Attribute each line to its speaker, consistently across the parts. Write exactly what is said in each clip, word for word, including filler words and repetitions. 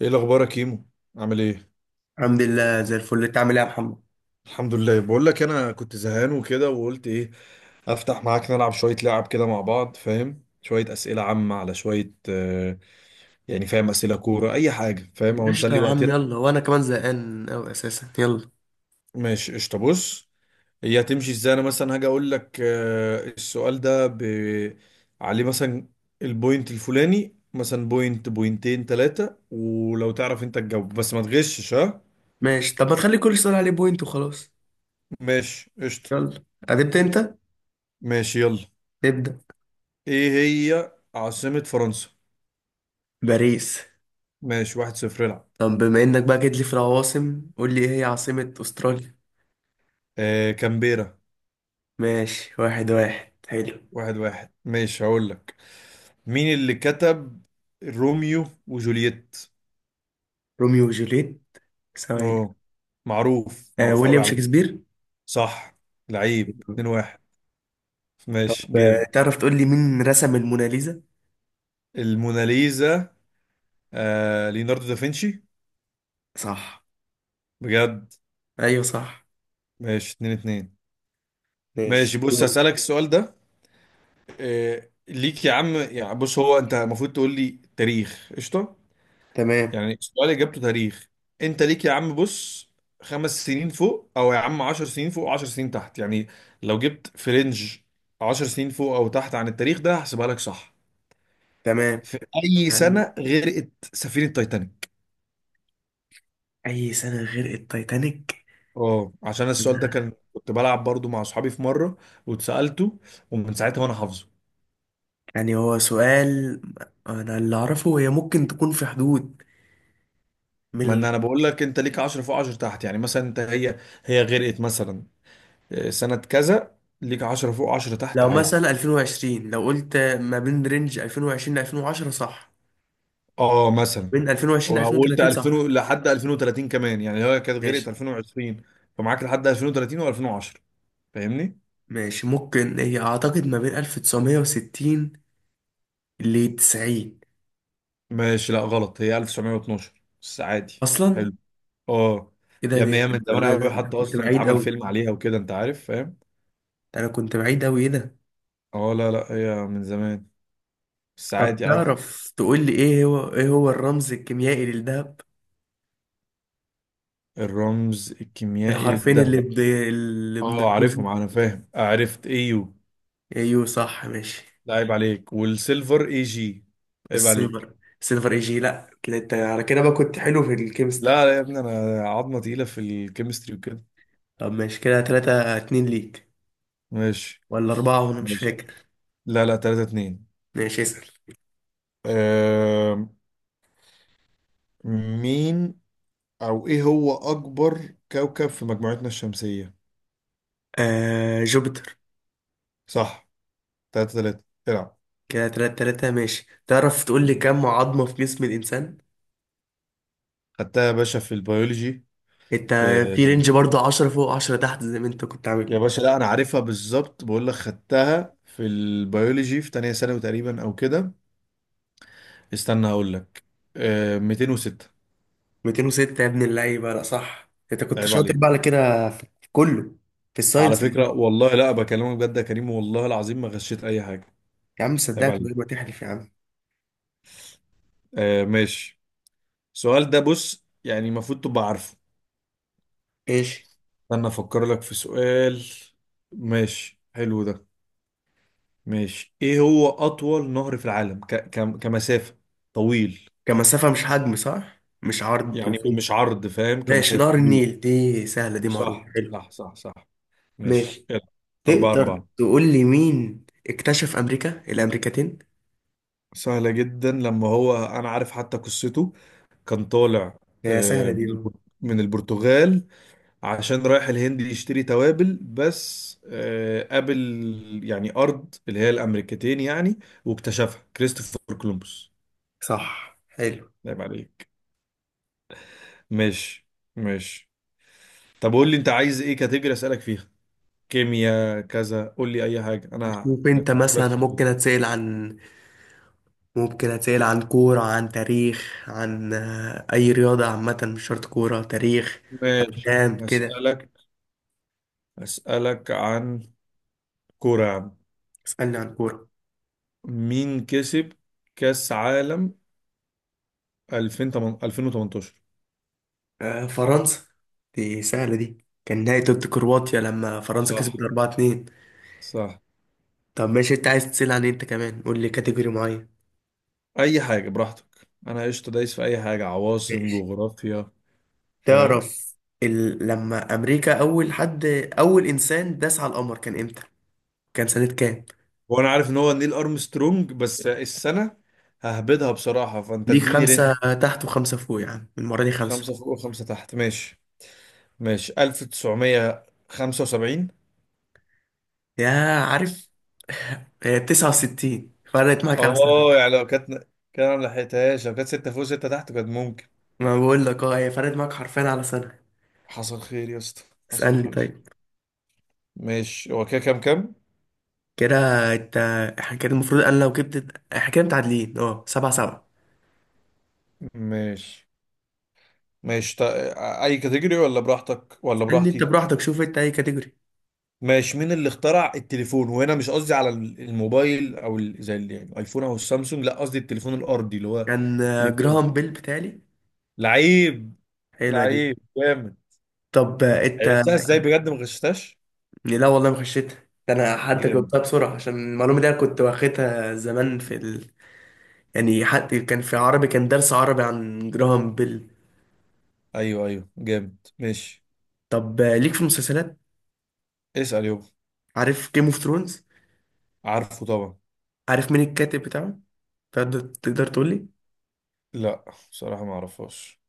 Speaker 1: ايه الاخبار يا كيمو؟ عامل ايه؟
Speaker 2: الحمد لله زي الفل، انت عامل ايه يا محمد؟
Speaker 1: الحمد لله، بقول لك انا كنت زهقان وكده وقلت ايه افتح معاك نلعب شويه لعب كده مع بعض، فاهم؟ شويه اسئله عامه على شويه آه يعني، فاهم؟ اسئله كوره اي حاجه، فاهم؟ هو
Speaker 2: قشطة
Speaker 1: نسلي
Speaker 2: يا عم،
Speaker 1: وقتنا.
Speaker 2: يلا. وانا كمان زهقان اوي اساسا، يلا.
Speaker 1: ماشي قشطه، بص، هي هتمشي ازاي؟ انا مثلا هاجي اقول لك آه السؤال ده ب... عليه مثلا البوينت الفلاني، مثلا بوينت، بوينتين، ثلاثه، ولو تعرف انت تجاوب بس ما تغشش ها.
Speaker 2: ماشي، طب ما تخلي كل سؤال عليه بوينت وخلاص.
Speaker 1: ماشي قشطه.
Speaker 2: يلا. هتبدأ انت؟
Speaker 1: ماشي يلا.
Speaker 2: ابدأ.
Speaker 1: ايه هي عاصمة فرنسا؟
Speaker 2: باريس.
Speaker 1: ماشي واحد صفر، العب.
Speaker 2: طب بما انك بقى جيت لي في العواصم، قول لي ايه هي عاصمة استراليا؟
Speaker 1: آه كامبيرا.
Speaker 2: ماشي، واحد واحد، حلو.
Speaker 1: واحد واحد ماشي، هقول لك مين اللي كتب روميو وجولييت؟
Speaker 2: روميو وجوليت. ثواني.
Speaker 1: اه، معروف
Speaker 2: آه
Speaker 1: معروف قوي
Speaker 2: ويليام
Speaker 1: على فكرة.
Speaker 2: شكسبير.
Speaker 1: صح، لعيب. اتنين واحد،
Speaker 2: طب،
Speaker 1: ماشي
Speaker 2: آه،
Speaker 1: جامد.
Speaker 2: تعرف تقول لي مين رسم الموناليزا؟
Speaker 1: الموناليزا؟ آه ليوناردو دافنشي.
Speaker 2: صح.
Speaker 1: بجد.
Speaker 2: ايوه صح.
Speaker 1: ماشي اتنين اتنين.
Speaker 2: ماشي،
Speaker 1: ماشي بص،
Speaker 2: دوري.
Speaker 1: هسألك السؤال ده، آه ليك يا عم، يعني بص، هو انت المفروض تقول لي تاريخ قشطة.
Speaker 2: تمام.
Speaker 1: يعني السؤال اجابته تاريخ. انت ليك يا عم، بص، خمس سنين فوق، او يا عم عشر سنين فوق وعشر سنين تحت يعني، لو جبت في رينج عشر سنين فوق او تحت عن التاريخ ده هحسبها لك صح.
Speaker 2: تمام.
Speaker 1: في اي
Speaker 2: عن
Speaker 1: سنة غرقت سفينة تايتانيك؟
Speaker 2: اي سنة غير التايتانيك؟
Speaker 1: اه، عشان السؤال ده كان كنت بلعب برضو مع اصحابي في مرة واتسألته، ومن ساعتها وانا حافظه.
Speaker 2: يعني هو سؤال، انا اللي اعرفه هي ممكن تكون في حدود، من
Speaker 1: ما ان
Speaker 2: ال-
Speaker 1: انا بقول لك، انت ليك عشرة فوق عشرة تحت، يعني مثلا انت هي هي غرقت مثلا آه، سنة كذا، ليك عشرة فوق عشرة تحت
Speaker 2: لو
Speaker 1: عادي.
Speaker 2: مثلا ألفين وعشرين، لو قلت ما بين رينج ألفين وعشرين ل ألفين وعشرة صح،
Speaker 1: اه مثلا،
Speaker 2: بين ألفين وعشرين ل
Speaker 1: وقلت
Speaker 2: ألفين وثلاثين صح.
Speaker 1: ألفين لحد ألفين وثلاثين كمان، يعني هي كانت
Speaker 2: ماشي.
Speaker 1: غرقت ألفين وعشرين، فمعاك لحد ألفين وثلاثين و2010، فاهمني؟
Speaker 2: ماشي ممكن هي اعتقد ما بين ألف تسعمائة وستين ل تسعين.
Speaker 1: ماشي، لا غلط، هي ألف وتسعمية واتناشر، بس عادي
Speaker 2: اصلا
Speaker 1: حلو. اه
Speaker 2: ايه ده،
Speaker 1: يا ابني،
Speaker 2: ده
Speaker 1: هي من
Speaker 2: ده,
Speaker 1: زمان
Speaker 2: ده,
Speaker 1: قوي،
Speaker 2: ده, ده
Speaker 1: حتى
Speaker 2: كنت
Speaker 1: اصلا
Speaker 2: بعيد
Speaker 1: اتعمل
Speaker 2: قوي.
Speaker 1: فيلم عليها وكده، انت عارف، فاهم؟
Speaker 2: انا كنت بعيد قوي، ايه ده.
Speaker 1: اه لا لا، هي من زمان، بس
Speaker 2: طب
Speaker 1: عادي عادي.
Speaker 2: تعرف تقول لي ايه هو ايه هو الرمز الكيميائي للذهب؟
Speaker 1: الرمز الكيميائي
Speaker 2: الحرفين اللي
Speaker 1: للذهب؟
Speaker 2: ب... اللي
Speaker 1: اه عارفهم
Speaker 2: بنرمزهم.
Speaker 1: انا، فاهم، عرفت ايو.
Speaker 2: ايوه صح ماشي.
Speaker 1: لا عيب عليك، والسيلفر اي جي؟ عيب عليك.
Speaker 2: السيلفر. السيلفر اي جي؟ لا، كده انت على كده بقى كنت حلو في الكيمستري.
Speaker 1: لا لا يا ابني، انا عظمه تقيله في الكيمستري وكده.
Speaker 2: طب ماشي، كده تلاتة اتنين ليك،
Speaker 1: ماشي.
Speaker 2: ولا أربعة، وأنا مش
Speaker 1: ماشي.
Speaker 2: فاكر.
Speaker 1: لا لا، تلاتة اتنين.
Speaker 2: ماشي، اسأل.
Speaker 1: أه مين او ايه هو اكبر كوكب في مجموعتنا الشمسيه؟
Speaker 2: آه جوبيتر.
Speaker 1: صح، تلاتة تلاتة، العب.
Speaker 2: كده تلاتة تلاتة. ماشي، تعرف تقول لي
Speaker 1: مم.
Speaker 2: كم عظمة في جسم الإنسان؟
Speaker 1: خدتها يا باشا في البيولوجي،
Speaker 2: أنت
Speaker 1: في،
Speaker 2: في رينج برضه، عشرة فوق عشرة تحت زي ما أنت كنت
Speaker 1: يا
Speaker 2: عامل؟
Speaker 1: باشا لا انا عارفها بالظبط، بقول لك خدتها في البيولوجي في تانية ثانوي تقريبا او كده. استنى اقول لك، أه ميتين وستة.
Speaker 2: ميتين وستة يا ابن اللعيبة، لا صح، أنت كنت
Speaker 1: عيب
Speaker 2: شاطر بقى
Speaker 1: عليك.
Speaker 2: على كده، في في كله، في
Speaker 1: على
Speaker 2: الساينس
Speaker 1: فكرة
Speaker 2: عامة.
Speaker 1: والله، لا بكلمك بجد يا كريم، والله العظيم ما غشيت اي حاجة.
Speaker 2: يا عم
Speaker 1: عيب
Speaker 2: صدقك من غير ما
Speaker 1: عليك.
Speaker 2: تحلف يا عم.
Speaker 1: آه ماشي، السؤال ده، بص، يعني المفروض تبقى عارفه.
Speaker 2: ايش؟
Speaker 1: استنى افكر لك في سؤال. ماشي حلو ده. ماشي، ايه هو اطول نهر في العالم ك ك كمسافة طويل؟
Speaker 2: كمسافة مش حجم صح؟ مش عرض
Speaker 1: يعني
Speaker 2: وطول.
Speaker 1: مش عرض، فاهم؟
Speaker 2: ماشي،
Speaker 1: كمسافة
Speaker 2: نهر
Speaker 1: طويل.
Speaker 2: النيل، دي سهلة دي، معروفة،
Speaker 1: صح
Speaker 2: حلو.
Speaker 1: صح صح صح. ماشي
Speaker 2: ماشي.
Speaker 1: يلا. أربعة
Speaker 2: تقدر
Speaker 1: أربعة.
Speaker 2: تقول لي مين اكتشف أمريكا الأمريكتين؟
Speaker 1: سهلة جدا، لما هو أنا عارف حتى قصته. كان طالع
Speaker 2: هي
Speaker 1: آه،
Speaker 2: سهلة دي
Speaker 1: من
Speaker 2: بقى.
Speaker 1: البر- من البرتغال، عشان رايح الهند يشتري توابل، بس آه، قابل يعني أرض اللي هي الأمريكتين يعني، واكتشفها كريستوفر كولومبوس.
Speaker 2: صح حلو.
Speaker 1: نايم عليك. ماشي. ماشي. طب قول لي أنت عايز إيه كاتيجوري أسألك فيها؟ كيمياء كذا، قول لي أي حاجة، أنا
Speaker 2: شوف
Speaker 1: أنا
Speaker 2: انت
Speaker 1: أفكر
Speaker 2: مثلا،
Speaker 1: لك في
Speaker 2: أنا
Speaker 1: سؤال.
Speaker 2: ممكن اتسأل عن ممكن اتسأل عن كورة، عن تاريخ، عن آه، أي رياضة عامة، مش شرط كورة تاريخ،
Speaker 1: ماشي
Speaker 2: أفلام كده.
Speaker 1: أسألك، أسألك عن كورة يا عم.
Speaker 2: اسألني عن كورة.
Speaker 1: مين كسب كأس عالم ألفين وتمنتاشر؟
Speaker 2: آه، فرنسا. دي سهلة دي، كان نهائي ضد كرواتيا لما فرنسا كسبت
Speaker 1: صح،
Speaker 2: اربعة اتنين.
Speaker 1: صح.
Speaker 2: طب ماشي، انت عايز تسأل عن ايه انت كمان؟ قول لي كاتيجوري معين.
Speaker 1: اي حاجه براحتك، انا قشطه دايس في اي حاجه، عواصم،
Speaker 2: ماشي.
Speaker 1: جغرافيا، فاهم؟
Speaker 2: تعرف ال... لما أمريكا أول حد أول إنسان داس على القمر كان إمتى؟ كان سنة كام؟
Speaker 1: وانا عارف ان هو نيل ارمسترونج، بس السنه ههبدها بصراحه، فانت
Speaker 2: ليك
Speaker 1: اديني رينج.
Speaker 2: خمسة تحت وخمسة فوق يا عم، المرة دي خمسة.
Speaker 1: خمسه فوق وخمسه تحت ماشي. ماشي ألف وتسعمائة وخمسة وسبعين.
Speaker 2: يا، عارف، هي تسعة وستين فرقت معاك على سنة.
Speaker 1: اه يعني لو كانت، كان أنا ما لحقتهاش، لو كانت سته فوق سته تحت كانت ممكن.
Speaker 2: ما بقول لك، اه هي فرقت معاك حرفيا على سنة.
Speaker 1: حصل خير يا اسطى. حصل
Speaker 2: اسألني
Speaker 1: خير.
Speaker 2: طيب.
Speaker 1: ماشي، هو كده كام كام؟
Speaker 2: كده انت، احنا كده المفروض، انا لو جبت احنا كده متعادلين، اه سبعة سبعة.
Speaker 1: ماشي. ماشي تا... اي كاتيجوري؟ ولا براحتك ولا
Speaker 2: اسألني انت
Speaker 1: براحتي؟
Speaker 2: براحتك، شوف انت اي كاتيجوري.
Speaker 1: ماشي، مين اللي اخترع التليفون؟ وهنا مش قصدي على ال- الموبايل او ال- زي ال- يعني الايفون او السامسونج، لا قصدي التليفون الارضي اللي هو
Speaker 2: كان آه،
Speaker 1: التليفون.
Speaker 2: جراهام بيل بتالي.
Speaker 1: لعيب.
Speaker 2: حلوة دي.
Speaker 1: لعيب جامد.
Speaker 2: طب، آه،
Speaker 1: عرفتها ازاي بجد؟ ما غشتهاش.
Speaker 2: لا والله ما خشيتها، ده انا حتى
Speaker 1: جامد.
Speaker 2: جبتها بسرعه عشان المعلومه دي أنا كنت واخدها زمان في ال... يعني حتى كان في عربي، كان درس عربي عن جراهام بيل.
Speaker 1: ايوه ايوه جامد، ماشي.
Speaker 2: طب، آه، ليك في المسلسلات.
Speaker 1: اسال يابا.
Speaker 2: عارف جيم اوف ثرونز؟
Speaker 1: عارفه طبعا.
Speaker 2: عارف مين الكاتب بتاعه؟ تقدر تقدر تقول لي؟
Speaker 1: لا، بصراحه ما اعرفهاش.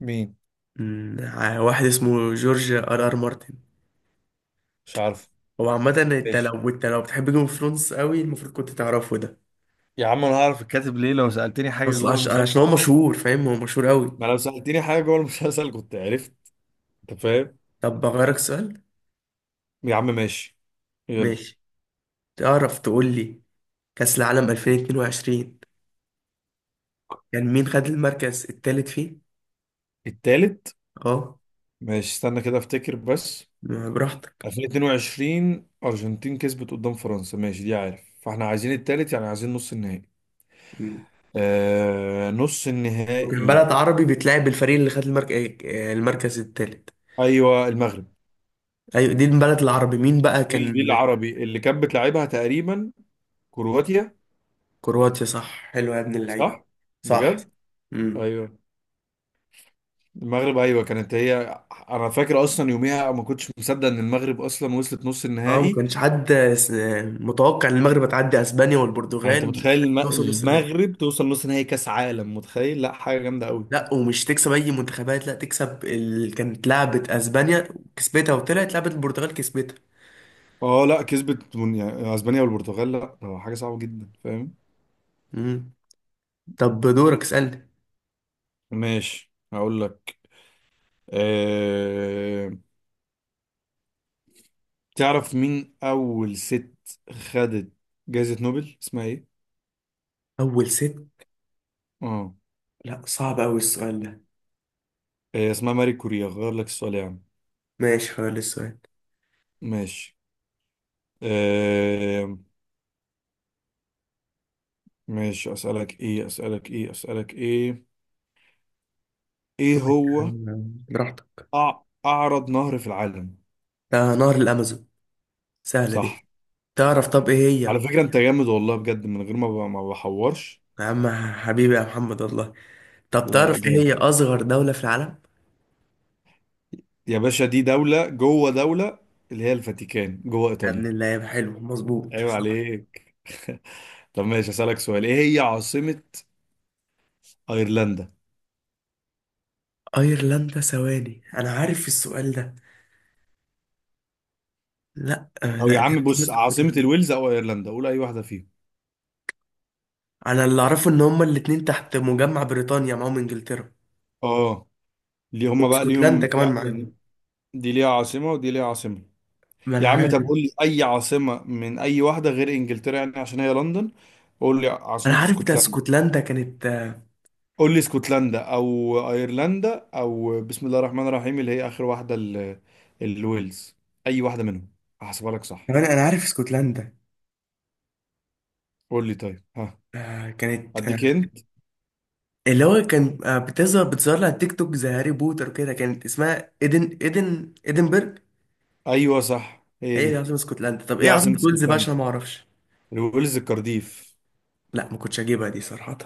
Speaker 1: مين؟
Speaker 2: مم، ع- واحد اسمه جورج ار ار مارتن.
Speaker 1: مش عارفه.
Speaker 2: هو عامه انت
Speaker 1: ماشي
Speaker 2: لو انت لو بتحب جيم اوف ثرونز قوي، المفروض كنت تعرفه ده.
Speaker 1: يا عم، انا هعرف الكاتب ليه؟ لو سالتني حاجه
Speaker 2: اصلا
Speaker 1: جوه
Speaker 2: عش... عشان هو
Speaker 1: المسلسل،
Speaker 2: مشهور فاهم، هو مشهور قوي.
Speaker 1: ما لو سالتني حاجه جوه المسلسل كنت عرفت، انت فاهم؟
Speaker 2: طب بغيرك سؤال.
Speaker 1: يا عم ماشي يلا.
Speaker 2: ماشي. تعرف تقول لي كأس العالم ألفين واتنين وعشرين، كان مين خد المركز التالت فيه؟
Speaker 1: التالت؟
Speaker 2: اه.
Speaker 1: ماشي استنى كده افتكر بس.
Speaker 2: ما براحتك.
Speaker 1: ألفين واتنين وعشرين ارجنتين كسبت قدام فرنسا، ماشي دي عارف، فاحنا عايزين التالت يعني عايزين نص النهائي.
Speaker 2: مم.
Speaker 1: آه نص
Speaker 2: وكان
Speaker 1: النهائي.
Speaker 2: بلد عربي بتلعب الفريق اللي خد المركز، المركز التالت.
Speaker 1: ايوه المغرب.
Speaker 2: ايوه دي البلد العربي، مين بقى
Speaker 1: دي ال- دي
Speaker 2: كان؟
Speaker 1: العربي اللي كانت بتلعبها تقريبا، كرواتيا.
Speaker 2: كرواتيا؟ صح حلو يا ابن اللعيبه.
Speaker 1: صح.
Speaker 2: صح.
Speaker 1: بجد.
Speaker 2: امم.
Speaker 1: ايوه المغرب، ايوه كانت هي. انا فاكر اصلا يوميها ما كنتش مصدق ان المغرب اصلا وصلت نص
Speaker 2: اه ما
Speaker 1: النهائي.
Speaker 2: كانش حد، س- متوقع ان المغرب هتعدي اسبانيا
Speaker 1: يعني انت
Speaker 2: والبرتغال،
Speaker 1: متخيل الم-
Speaker 2: توصل نص النهائي.
Speaker 1: المغرب توصل نص نهائي كاس عالم؟ متخيل؟ لا حاجه جامده قوي.
Speaker 2: لا ومش تكسب اي منتخبات، لا تكسب ال... كانت لعبت اسبانيا كسبتها، وطلعت لعبت البرتغال كسبتها.
Speaker 1: اه لا كسبت من- يعني اسبانيا والبرتغال، لا ده حاجه صعبه جدا، فاهم؟
Speaker 2: امم. طب دورك، اسالني.
Speaker 1: ماشي هقول لك. أه... تعرف مين اول ست خدت جائزه نوبل اسمها ايه؟
Speaker 2: اول ست؟
Speaker 1: اه.
Speaker 2: لا صعب أوي السؤال ده.
Speaker 1: آه، اسمها ماري كوريا، غير لك السؤال يا عم.
Speaker 2: ماشي، هقول السؤال.
Speaker 1: ماشي. أه... ماشي، اسالك ايه اسالك ايه اسالك ايه؟ ايه هو
Speaker 2: أم- براحتك.
Speaker 1: أع... اعرض نهر في العالم؟
Speaker 2: ده نهر الأمازون، سهلة دي.
Speaker 1: صح.
Speaker 2: تعرف طب إيه هي؟
Speaker 1: على فكره انت جامد والله بجد، من غير ما ب... ما بحورش.
Speaker 2: يا عم حبيبي يا محمد والله. طب
Speaker 1: لا لا
Speaker 2: تعرف إيه هي
Speaker 1: جامد.
Speaker 2: أصغر دولة في العالم؟
Speaker 1: يا باشا دي دولة جوه دولة، اللي هي الفاتيكان جوه
Speaker 2: يا ابن
Speaker 1: إيطاليا.
Speaker 2: اللعيبة حلو، مظبوط
Speaker 1: عيب
Speaker 2: صح.
Speaker 1: عليك. طب ماشي أسألك سؤال، إيه هي عاصمة أيرلندا؟
Speaker 2: أيرلندا، ثواني أنا عارف السؤال ده. لا، آه،
Speaker 1: أو
Speaker 2: لا
Speaker 1: يا
Speaker 2: دي
Speaker 1: عم
Speaker 2: عاصمة
Speaker 1: بص، عاصمة
Speaker 2: اسكتلندا.
Speaker 1: الويلز أو أيرلندا، قول أي واحدة فيهم.
Speaker 2: أنا اللي أعرفه إن هما الاتنين تحت مجمع بريطانيا، معاهم إنجلترا.
Speaker 1: آه. ليه هما بقى
Speaker 2: واسكتلندا
Speaker 1: ليهم في
Speaker 2: كمان
Speaker 1: يعني،
Speaker 2: معاهم.
Speaker 1: دي ليها عاصمة ودي ليها عاصمة.
Speaker 2: ما
Speaker 1: يا
Speaker 2: أنا
Speaker 1: عم طب
Speaker 2: عارف.
Speaker 1: قول لي أي عاصمة من أي واحدة غير إنجلترا يعني، عشان هي لندن. قول لي
Speaker 2: أنا
Speaker 1: عاصمة
Speaker 2: عارف ده،
Speaker 1: اسكتلندا.
Speaker 2: اسكتلندا كانت آه،
Speaker 1: قول لي اسكتلندا او ايرلندا او بسم الله الرحمن الرحيم اللي هي اخر واحده ال- الويلز، اي واحده منهم هحسبها لك صح.
Speaker 2: كمان. أنا عارف اسكتلندا،
Speaker 1: قول لي طيب، ها؟
Speaker 2: آه، كانت آه،
Speaker 1: اديك هنت.
Speaker 2: اللي هو كان آه، بتظهر بتظهر لي على التيك توك زي هاري بوتر كده، كانت اسمها ايدن ايدن ايدنبرج.
Speaker 1: ايوه صح هي
Speaker 2: هي اللي
Speaker 1: دي.
Speaker 2: عاصمة اسكتلندا. طب
Speaker 1: دي
Speaker 2: ايه
Speaker 1: عاصمه
Speaker 2: عاصمة ويلز بقى؟ عشان
Speaker 1: اسكتلندا.
Speaker 2: أنا ما اعرفش.
Speaker 1: الويلز كارديف،
Speaker 2: لا ما كنتش اجيبها دي صراحة.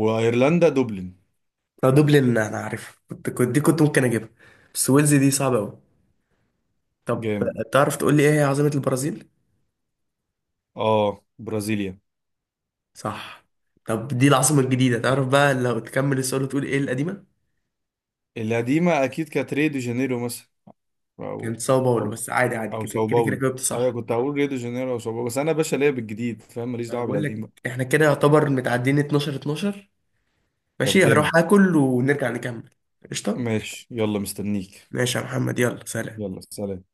Speaker 1: وايرلندا دوبلن.
Speaker 2: لو دوبلن انا عارف، كنت كنت دي كنت ممكن اجيبها. بس ويلز دي صعبة قوي. طب،
Speaker 1: جامد.
Speaker 2: آه، تعرف تقول لي ايه هي عاصمة البرازيل؟
Speaker 1: اه برازيليا.
Speaker 2: صح. طب دي العاصمة الجديدة، تعرف بقى لو تكمل السؤال وتقول ايه القديمة؟
Speaker 1: القديمه اكيد كانت ريو دي جانيرو مثلا،
Speaker 2: كانت
Speaker 1: او،
Speaker 2: ساو باولو،
Speaker 1: او،
Speaker 2: بس عادي عادي،
Speaker 1: او
Speaker 2: كده
Speaker 1: ساو
Speaker 2: كده كده
Speaker 1: باولو.
Speaker 2: جاوبت
Speaker 1: ايوه
Speaker 2: صح.
Speaker 1: كنت هقول ريو دي جانيرو او ساو باولو، بس انا باشا ليا بالجديد، فاهم؟ ماليش
Speaker 2: أنا
Speaker 1: دعوه
Speaker 2: بقول
Speaker 1: بالقديم
Speaker 2: لك
Speaker 1: بقى.
Speaker 2: احنا كده يعتبر متعدين اتناشر، اتناشر.
Speaker 1: طب
Speaker 2: ماشي،
Speaker 1: جامد.
Speaker 2: هروح اكل ونرجع نكمل. قشطة.
Speaker 1: ماشي يلا مستنيك.
Speaker 2: ماشي يا محمد، يلا سلام.
Speaker 1: يلا سلام.